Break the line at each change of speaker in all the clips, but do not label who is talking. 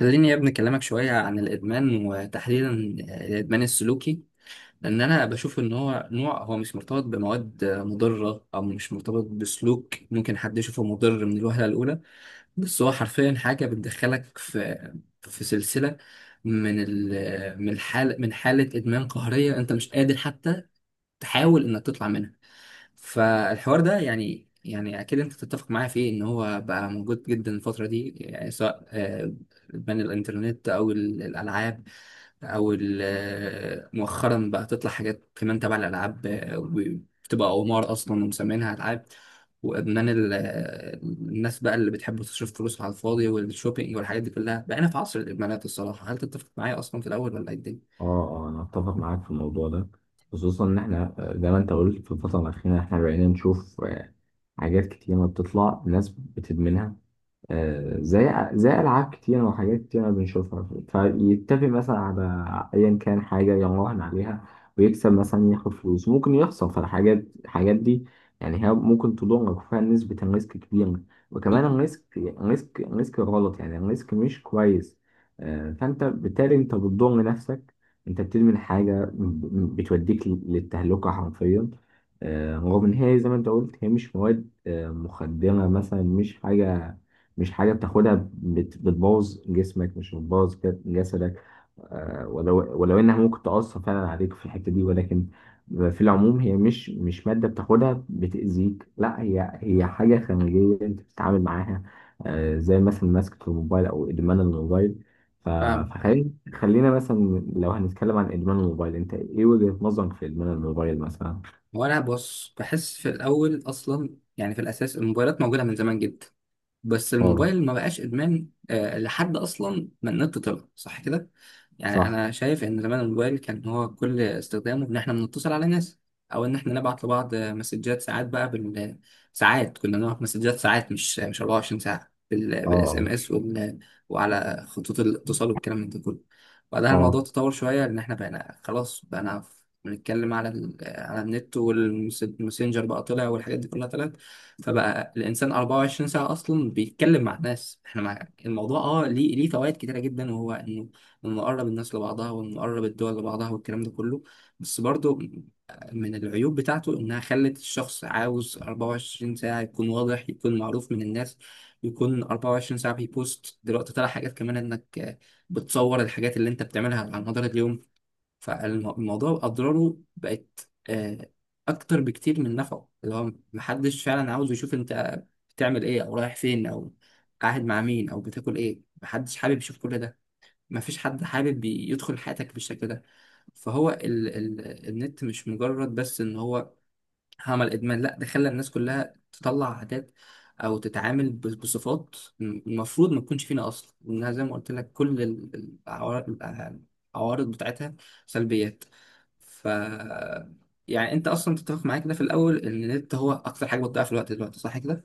خليني يا ابني أكلمك شوية عن الإدمان، وتحديدا الإدمان السلوكي. لأن أنا بشوف إن هو نوع، هو مش مرتبط بمواد مضرة أو مش مرتبط بسلوك ممكن حد يشوفه مضر من الوهلة الأولى، بس هو حرفيا حاجة بتدخلك في سلسلة من الحال من حالة إدمان قهرية أنت مش قادر حتى تحاول إنك تطلع منها. فالحوار ده يعني اكيد انت تتفق معايا فيه ان هو بقى موجود جدا الفتره دي، يعني سواء بين الانترنت او الالعاب، او مؤخرا بقى تطلع حاجات كمان تبع الالعاب، وبتبقى قمار اصلا ومسمينها العاب، وادمان الناس بقى اللي بتحب تصرف فلوس على الفاضي والشوبينج والحاجات دي كلها. بقينا في عصر الادمانات الصراحه. هل تتفق معايا اصلا في الاول ولا ايه الدنيا؟
اه، اه، انا اتفق معاك في الموضوع ده. خصوصا ان احنا زي ما انت قلت في الفتره الاخيره، احنا بقينا نشوف حاجات كتير ما بتطلع ناس بتدمنها، زي ألعاب كتيرة وحاجات كتيرة بنشوفها. فيتفق مثلا على أيا كان حاجة يراهن عليها ويكسب، مثلا ياخد فلوس، ممكن يخسر، فالحاجات دي يعني هي ممكن تضرك وفيها نسبة الريسك كبيرة، وكمان الريسك غلط، يعني الريسك مش كويس. فأنت بالتالي أنت بتضر نفسك، أنت بتدمن حاجة بتوديك للتهلكة حرفيا. رغم إن هي زي ما أنت قلت هي مش مواد مخدرة مثلا، مش حاجة بتاخدها بتبوظ جسمك، مش بتبوظ جسدك. ولو انها ممكن تأثر فعلا عليك في الحتة دي، ولكن في العموم هي مش مادة بتاخدها بتأذيك، لا هي هي حاجة خارجية انت بتتعامل معاها، زي مثلا مسكة الموبايل او ادمان الموبايل. ف- فخلينا مثلا، لو هنتكلم عن ادمان الموبايل، انت ايه وجهة نظرك في ادمان الموبايل مثلا؟
وانا بص، بحس في الاول اصلا، يعني في الاساس الموبايلات موجوده من زمان جدا، بس
اه.
الموبايل ما بقاش ادمان لحد اصلا ما النت طلع، صح كده؟ يعني
صح.
انا شايف ان زمان الموبايل كان هو كل استخدامه ان احنا بنتصل على ناس، او ان احنا نبعت لبعض مسجات. ساعات بقى ساعات كنا نبعت مسجات، ساعات مش 24 ساعه، بالاس ام
اه.
اس وال... وعلى خطوط الاتصال والكلام من ده كله. بعدها
اه. آه.
الموضوع تطور شويه، ان احنا بقينا خلاص بقينا بنتكلم على ال... على النت، والماسنجر بقى طلع والحاجات دي كلها طلعت، فبقى الانسان 24 ساعه اصلا بيتكلم مع الناس. احنا مع الموضوع، اه، ليه فوائد كتيره جدا، وهو انه قرب الناس لبعضها، وانه قرب الدول لبعضها والكلام ده كله. بس برضو من العيوب بتاعته انها خلت الشخص عاوز 24 ساعه يكون واضح، يكون معروف من الناس، يكون 24 ساعه بيبوست. دلوقتي طلع حاجات كمان انك بتصور الحاجات اللي انت بتعملها على مدار اليوم، فالموضوع أضراره بقت أكتر بكتير من نفعه. اللي هو محدش فعلا عاوز يشوف أنت بتعمل إيه، أو رايح فين، أو قاعد مع مين، أو بتاكل إيه. محدش حابب يشوف كل ده. مفيش حد حابب يدخل حياتك بالشكل ده. فهو ال ال النت مش مجرد بس إن هو عمل ادمان، لا، ده خلى الناس كلها تطلع عادات او تتعامل بصفات المفروض ما تكونش فينا اصلا، لانها زي ما قلت لك كل العوارض بتاعتها سلبيات. ف يعني انت اصلا تتفق معايا كده في الاول ان النت هو اكتر حاجه بتضيع في الوقت دلوقتي، صح كده؟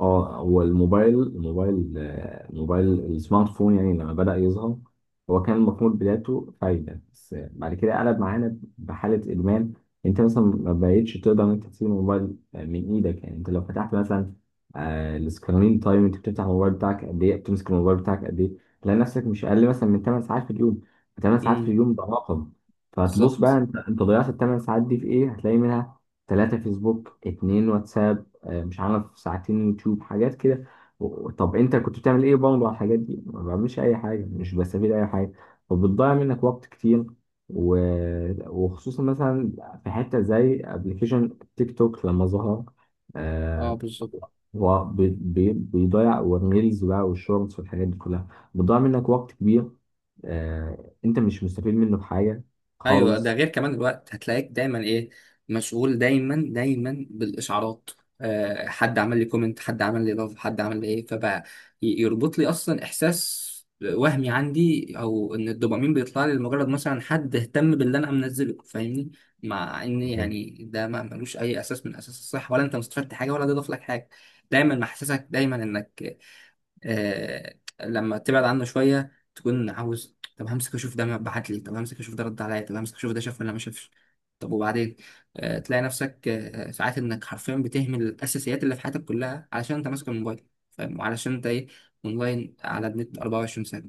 اه، هو الموبايل السمارت فون يعني لما بدأ يظهر، هو كان المفروض بدايته فايدة، بس بعد كده قلب معانا بحالة إدمان. أنت مثلا ما بقتش تقدر إن أنت تسيب الموبايل من إيدك. يعني أنت لو فتحت مثلا السكرين تايم، أنت بتفتح الموبايل بتاعك قد إيه، بتمسك الموبايل بتاعك قد إيه، تلاقي نفسك مش أقل مثلا من 8 ساعات في اليوم. 8 ساعات في
امم
اليوم ده رقم. فتبص بقى
بالظبط.
أنت ضيعت ال 8 ساعات دي في إيه، هتلاقي منها 3 فيسبوك، 2 واتساب، مش عارف ساعتين يوتيوب، حاجات كده. طب انت كنت بتعمل ايه برضه على الحاجات دي؟ ما بعملش اي حاجه، مش بستفيد اي حاجه، وبتضيع منك وقت كتير، و... وخصوصا مثلا في حته زي ابلكيشن تيك توك لما ظهر.
اه
آه
بالظبط.
هو بيضيع، والريلز بقى والشورتس والحاجات دي كلها بتضيع منك وقت كبير، انت مش مستفيد منه بحاجه
ايوه ده
خالص.
غير كمان الوقت. هتلاقيك دايما ايه، مشغول دايما دايما بالاشعارات. أه، حد عمل لي كومنت، حد عمل لي لاف، حد عمل لي ايه. فبقى يربط لي اصلا احساس وهمي عندي، او ان الدوبامين بيطلع لي لمجرد مثلا حد اهتم باللي انا منزله، فاهمني؟ مع ان يعني ده ما ملوش اي اساس من اساس الصح، ولا انت مستفدت حاجه، ولا ده ضاف لك حاجه. دايما محسسك دايما انك آه لما تبعد عنه شويه تكون عاوز، طب همسك اشوف ده بعت لي، طب همسك اشوف ده رد عليا، طب همسك اشوف ده شاف ولا ما شافش. طب وبعدين؟ تلاقي نفسك ساعات انك حرفيا بتهمل الاساسيات اللي في حياتك كلها علشان انت ماسك الموبايل، فاهم؟ وعلشان انت ايه، اونلاين على النت 24 ساعه.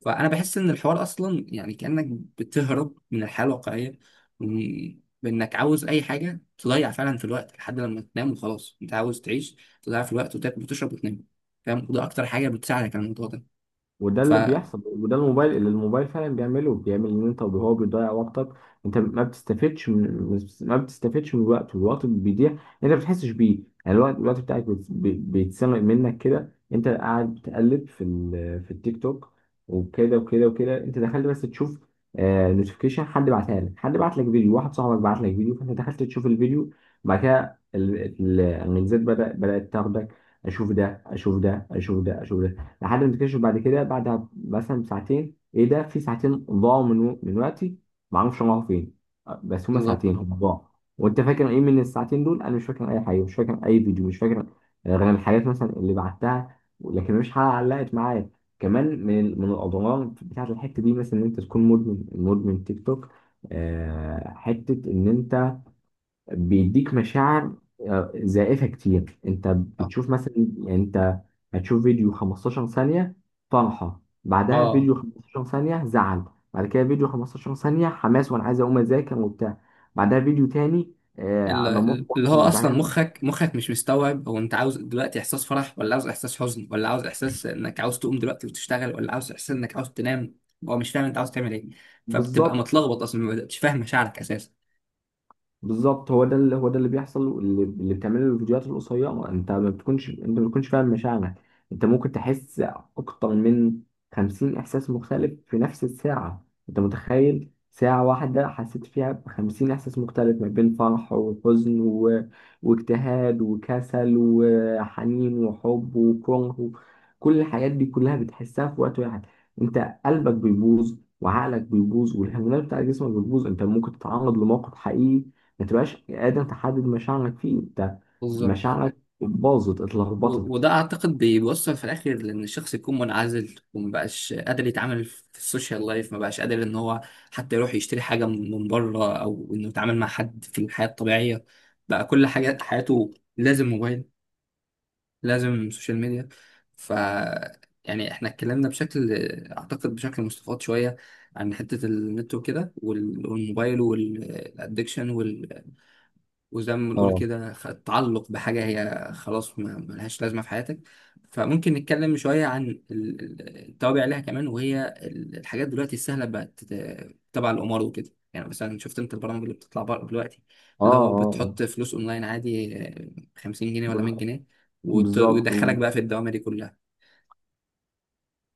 فانا بحس ان الحوار اصلا يعني كانك بتهرب من الحياه الواقعيه، وإن- بانك عاوز اي حاجه تضيع فعلا في الوقت لحد لما تنام، وخلاص انت عاوز تعيش تضيع في الوقت، وتاكل، وتشرب، وتنام، فاهم؟ وده اكتر حاجه بتساعدك على الموضوع ده.
وده
ف
اللي بيحصل، وده الموبايل فعلا بيعمله، بيعمل ان انت هو بيضيع وقتك. انت ما بتستفدش من الوقت، والوقت بيضيع انت ما بتحسش بيه. يعني الوقت بتاعك بيتسرق منك كده، انت قاعد بتقلب في في التيك توك، وكده وكده وكده انت دخلت بس تشوف، نوتيفيكيشن، حد بعتها لك، حد بعت لك فيديو، واحد صاحبك بعت لك فيديو، فانت دخلت تشوف الفيديو. بعد كده الميزات بدأت تاخدك، اشوف ده اشوف ده اشوف ده اشوف ده، لحد ما تكتشف بعد كده، بعد مثلا ساعتين، ايه ده، في ساعتين ضاعوا من وقتي، ما اعرفش راحوا فين. بس هما
بالظبط.
ساعتين هما ضاعوا. وانت فاكر ايه من الساعتين دول؟ انا مش فاكر اي حاجه، مش فاكر اي فيديو، مش فاكر غير الحاجات مثلا اللي بعتها، لكن مفيش حاجه علقت معايا. كمان من الاضرار بتاعت الحته دي، مثلا ان انت تكون مدمن تيك توك. حته ان انت بيديك مشاعر زائفة كتير، انت
اه
بتشوف مثلا، يعني انت هتشوف فيديو 15 ثانية فرحة، بعدها
آه.
فيديو 15 ثانية زعل، بعد كده فيديو 15 ثانية حماس وانا عايز اقوم اذاكر وبتاع، بعدها فيديو تاني انا
اللي
محبط
هو اصلا
وزعلان.
مخك مش مستوعب هو انت عاوز دلوقتي احساس فرح، ولا عاوز احساس حزن، ولا عاوز احساس انك عاوز تقوم دلوقتي وتشتغل، ولا عاوز احساس انك عاوز تنام. هو مش فاهم انت عاوز تعمل ايه، فبتبقى
بالظبط،
متلخبط، اصلا ما بتبقاش فاهم مشاعرك اساسا.
بالظبط. هو ده اللي بيحصل، اللي بتعمله الفيديوهات القصيره، انت ما بتكونش فاهم مشاعرك. انت ممكن تحس اكتر من 50 احساس مختلف في نفس الساعه. انت متخيل ساعه واحده حسيت فيها ب 50 احساس مختلف، ما بين فرح وحزن واجتهاد وكسل وحنين وحب وكره كل الحاجات دي كلها بتحسها في وقت واحد. انت قلبك بيبوظ وعقلك بيبوظ والهرمونات بتاع جسمك بتبوظ. انت ممكن تتعرض لموقف حقيقي ما تبقاش قادر تحدد مشاعرك فيه. انت
بالظبط.
مشاعرك باظت اتلخبطت.
وده اعتقد بيوصل في الاخر لان الشخص يكون منعزل، ومبقاش قادر يتعامل في السوشيال لايف، مبقاش قادر ان هو حتى يروح يشتري حاجه من بره، او انه يتعامل مع حد في الحياه الطبيعيه. بقى كل حاجه، حياته لازم موبايل، لازم سوشيال ميديا. ف يعني احنا اتكلمنا بشكل، اعتقد بشكل مستفاض شويه، عن حته النت وكده والموبايل والادكشن. وزي ما بنقول
اه.
كده، تعلق بحاجة هي خلاص ما ملهاش لازمة في حياتك. فممكن نتكلم شوية عن التوابع ليها كمان، وهي الحاجات دلوقتي السهلة بقت تبع القمار وكده، يعني مثلا شفت انت البرامج اللي بتطلع بره دلوقتي
اه.
اللي
اه.
هو
آه.
بتحط فلوس اونلاين عادي، 50 جنيه ولا 100 جنيه،
بالظبط.
ويدخلك بقى في الدوامة دي كلها.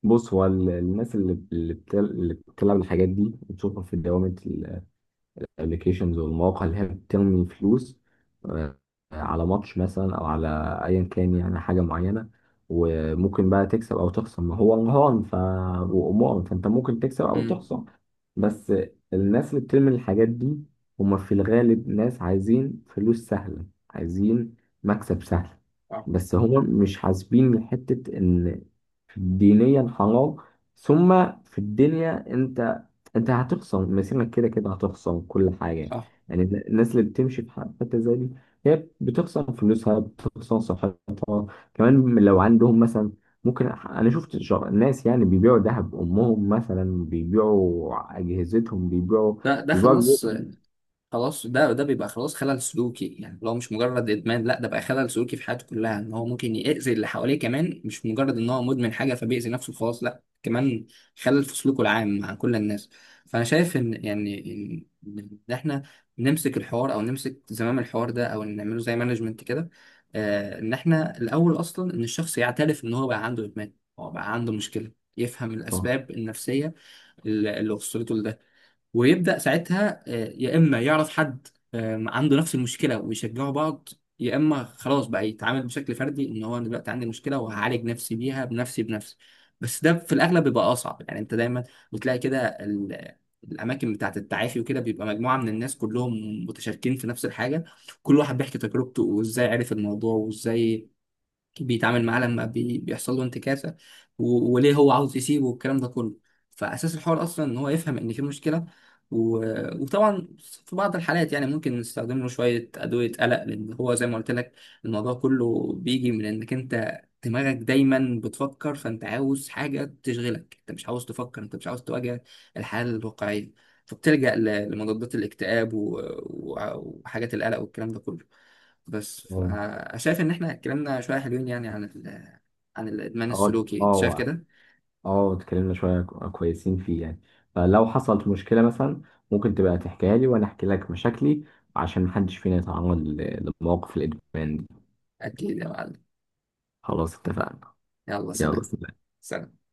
بص، هو الناس اللي بتلعب الحاجات دي بتشوفها في دوامة، الابلكيشنز والمواقع اللي هي بترمي فلوس آه، على ماتش مثلا، او على ايا كان، يعني حاجه معينه، وممكن بقى تكسب او تخسر، ما هو رهان. وامور، فانت ممكن تكسب او
امم
تخسر. بس الناس اللي بترمي الحاجات دي هما في الغالب ناس عايزين فلوس سهله، عايزين مكسب سهل،
آه.
بس هما مش حاسبين حته ان دينيا حرام، ثم في الدنيا انت هتخصم مسيرك، كده كده هتخصم كل حاجة.
اه
يعني الناس اللي بتمشي في حتة زي دي هي بتخصم فلوسها، بتخصم صحتها كمان. لو عندهم مثلا، ممكن، انا شفت ناس يعني بيبيعوا ذهب امهم مثلا، بيبيعوا اجهزتهم،
ده
بيبيعوا
خلاص.
بيوتهم.
خلاص، ده ده بيبقى خلاص خلل سلوكي، يعني لو مش مجرد ادمان، لا ده بقى خلل سلوكي في حياته كلها، ان هو ممكن يأذي اللي حواليه كمان، مش مجرد ان هو مدمن حاجه فبيأذي نفسه، خلاص لا، كمان خلل في سلوكه العام مع كل الناس. فانا شايف ان يعني ان إن احنا نمسك الحوار، او نمسك زمام الحوار ده، او نعمله زي مانجمنت كده، ان احنا الاول اصلا ان الشخص يعترف ان هو بقى عنده ادمان، هو بقى عنده مشكله، يفهم
صح.
الاسباب النفسيه اللي وصلته لده، ويبدأ ساعتها يا إما يعرف حد عنده نفس المشكلة ويشجعوا بعض، يا إما خلاص بقى يتعامل بشكل فردي، إن هو أنا دلوقتي عندي مشكلة وهعالج نفسي بيها بنفسي بنفسي. بس ده في الأغلب بيبقى أصعب، يعني أنت دايما بتلاقي كده الأماكن بتاعة التعافي وكده بيبقى مجموعة من الناس كلهم متشاركين في نفس الحاجة. كل واحد بيحكي تجربته، وإزاي عرف الموضوع، وإزاي بيتعامل معاه لما بيحصل له انتكاسه، و... وليه هو عاوز يسيبه والكلام ده كله. فاساس الحوار اصلا ان هو يفهم ان في مشكله، و... وطبعا في بعض الحالات يعني ممكن نستخدم له شويه ادويه قلق، لان هو زي ما قلت لك الموضوع كله بيجي من انك انت دماغك دايما بتفكر، فانت عاوز حاجه تشغلك، انت مش عاوز تفكر، انت مش عاوز تواجه الحاله الواقعيه، فبتلجأ لمضادات الاكتئاب، و... و... وحاجات القلق والكلام ده كله. بس
اه.
شايف ان احنا اتكلمنا شويه حلوين يعني عن ال... عن الادمان
اه.
السلوكي، انت شايف
اه.
كده؟
اه. اتكلمنا شوية كويسين فيه يعني، فلو حصلت مشكلة مثلا، ممكن تبقى تحكيها لي وانا احكي لك مشاكلي عشان محدش فينا يتعرض لمواقف الادمان دي.
اكيد يا معلم.
خلاص، اتفقنا.
يلا
يلا
سلام.
سلام.
سلام.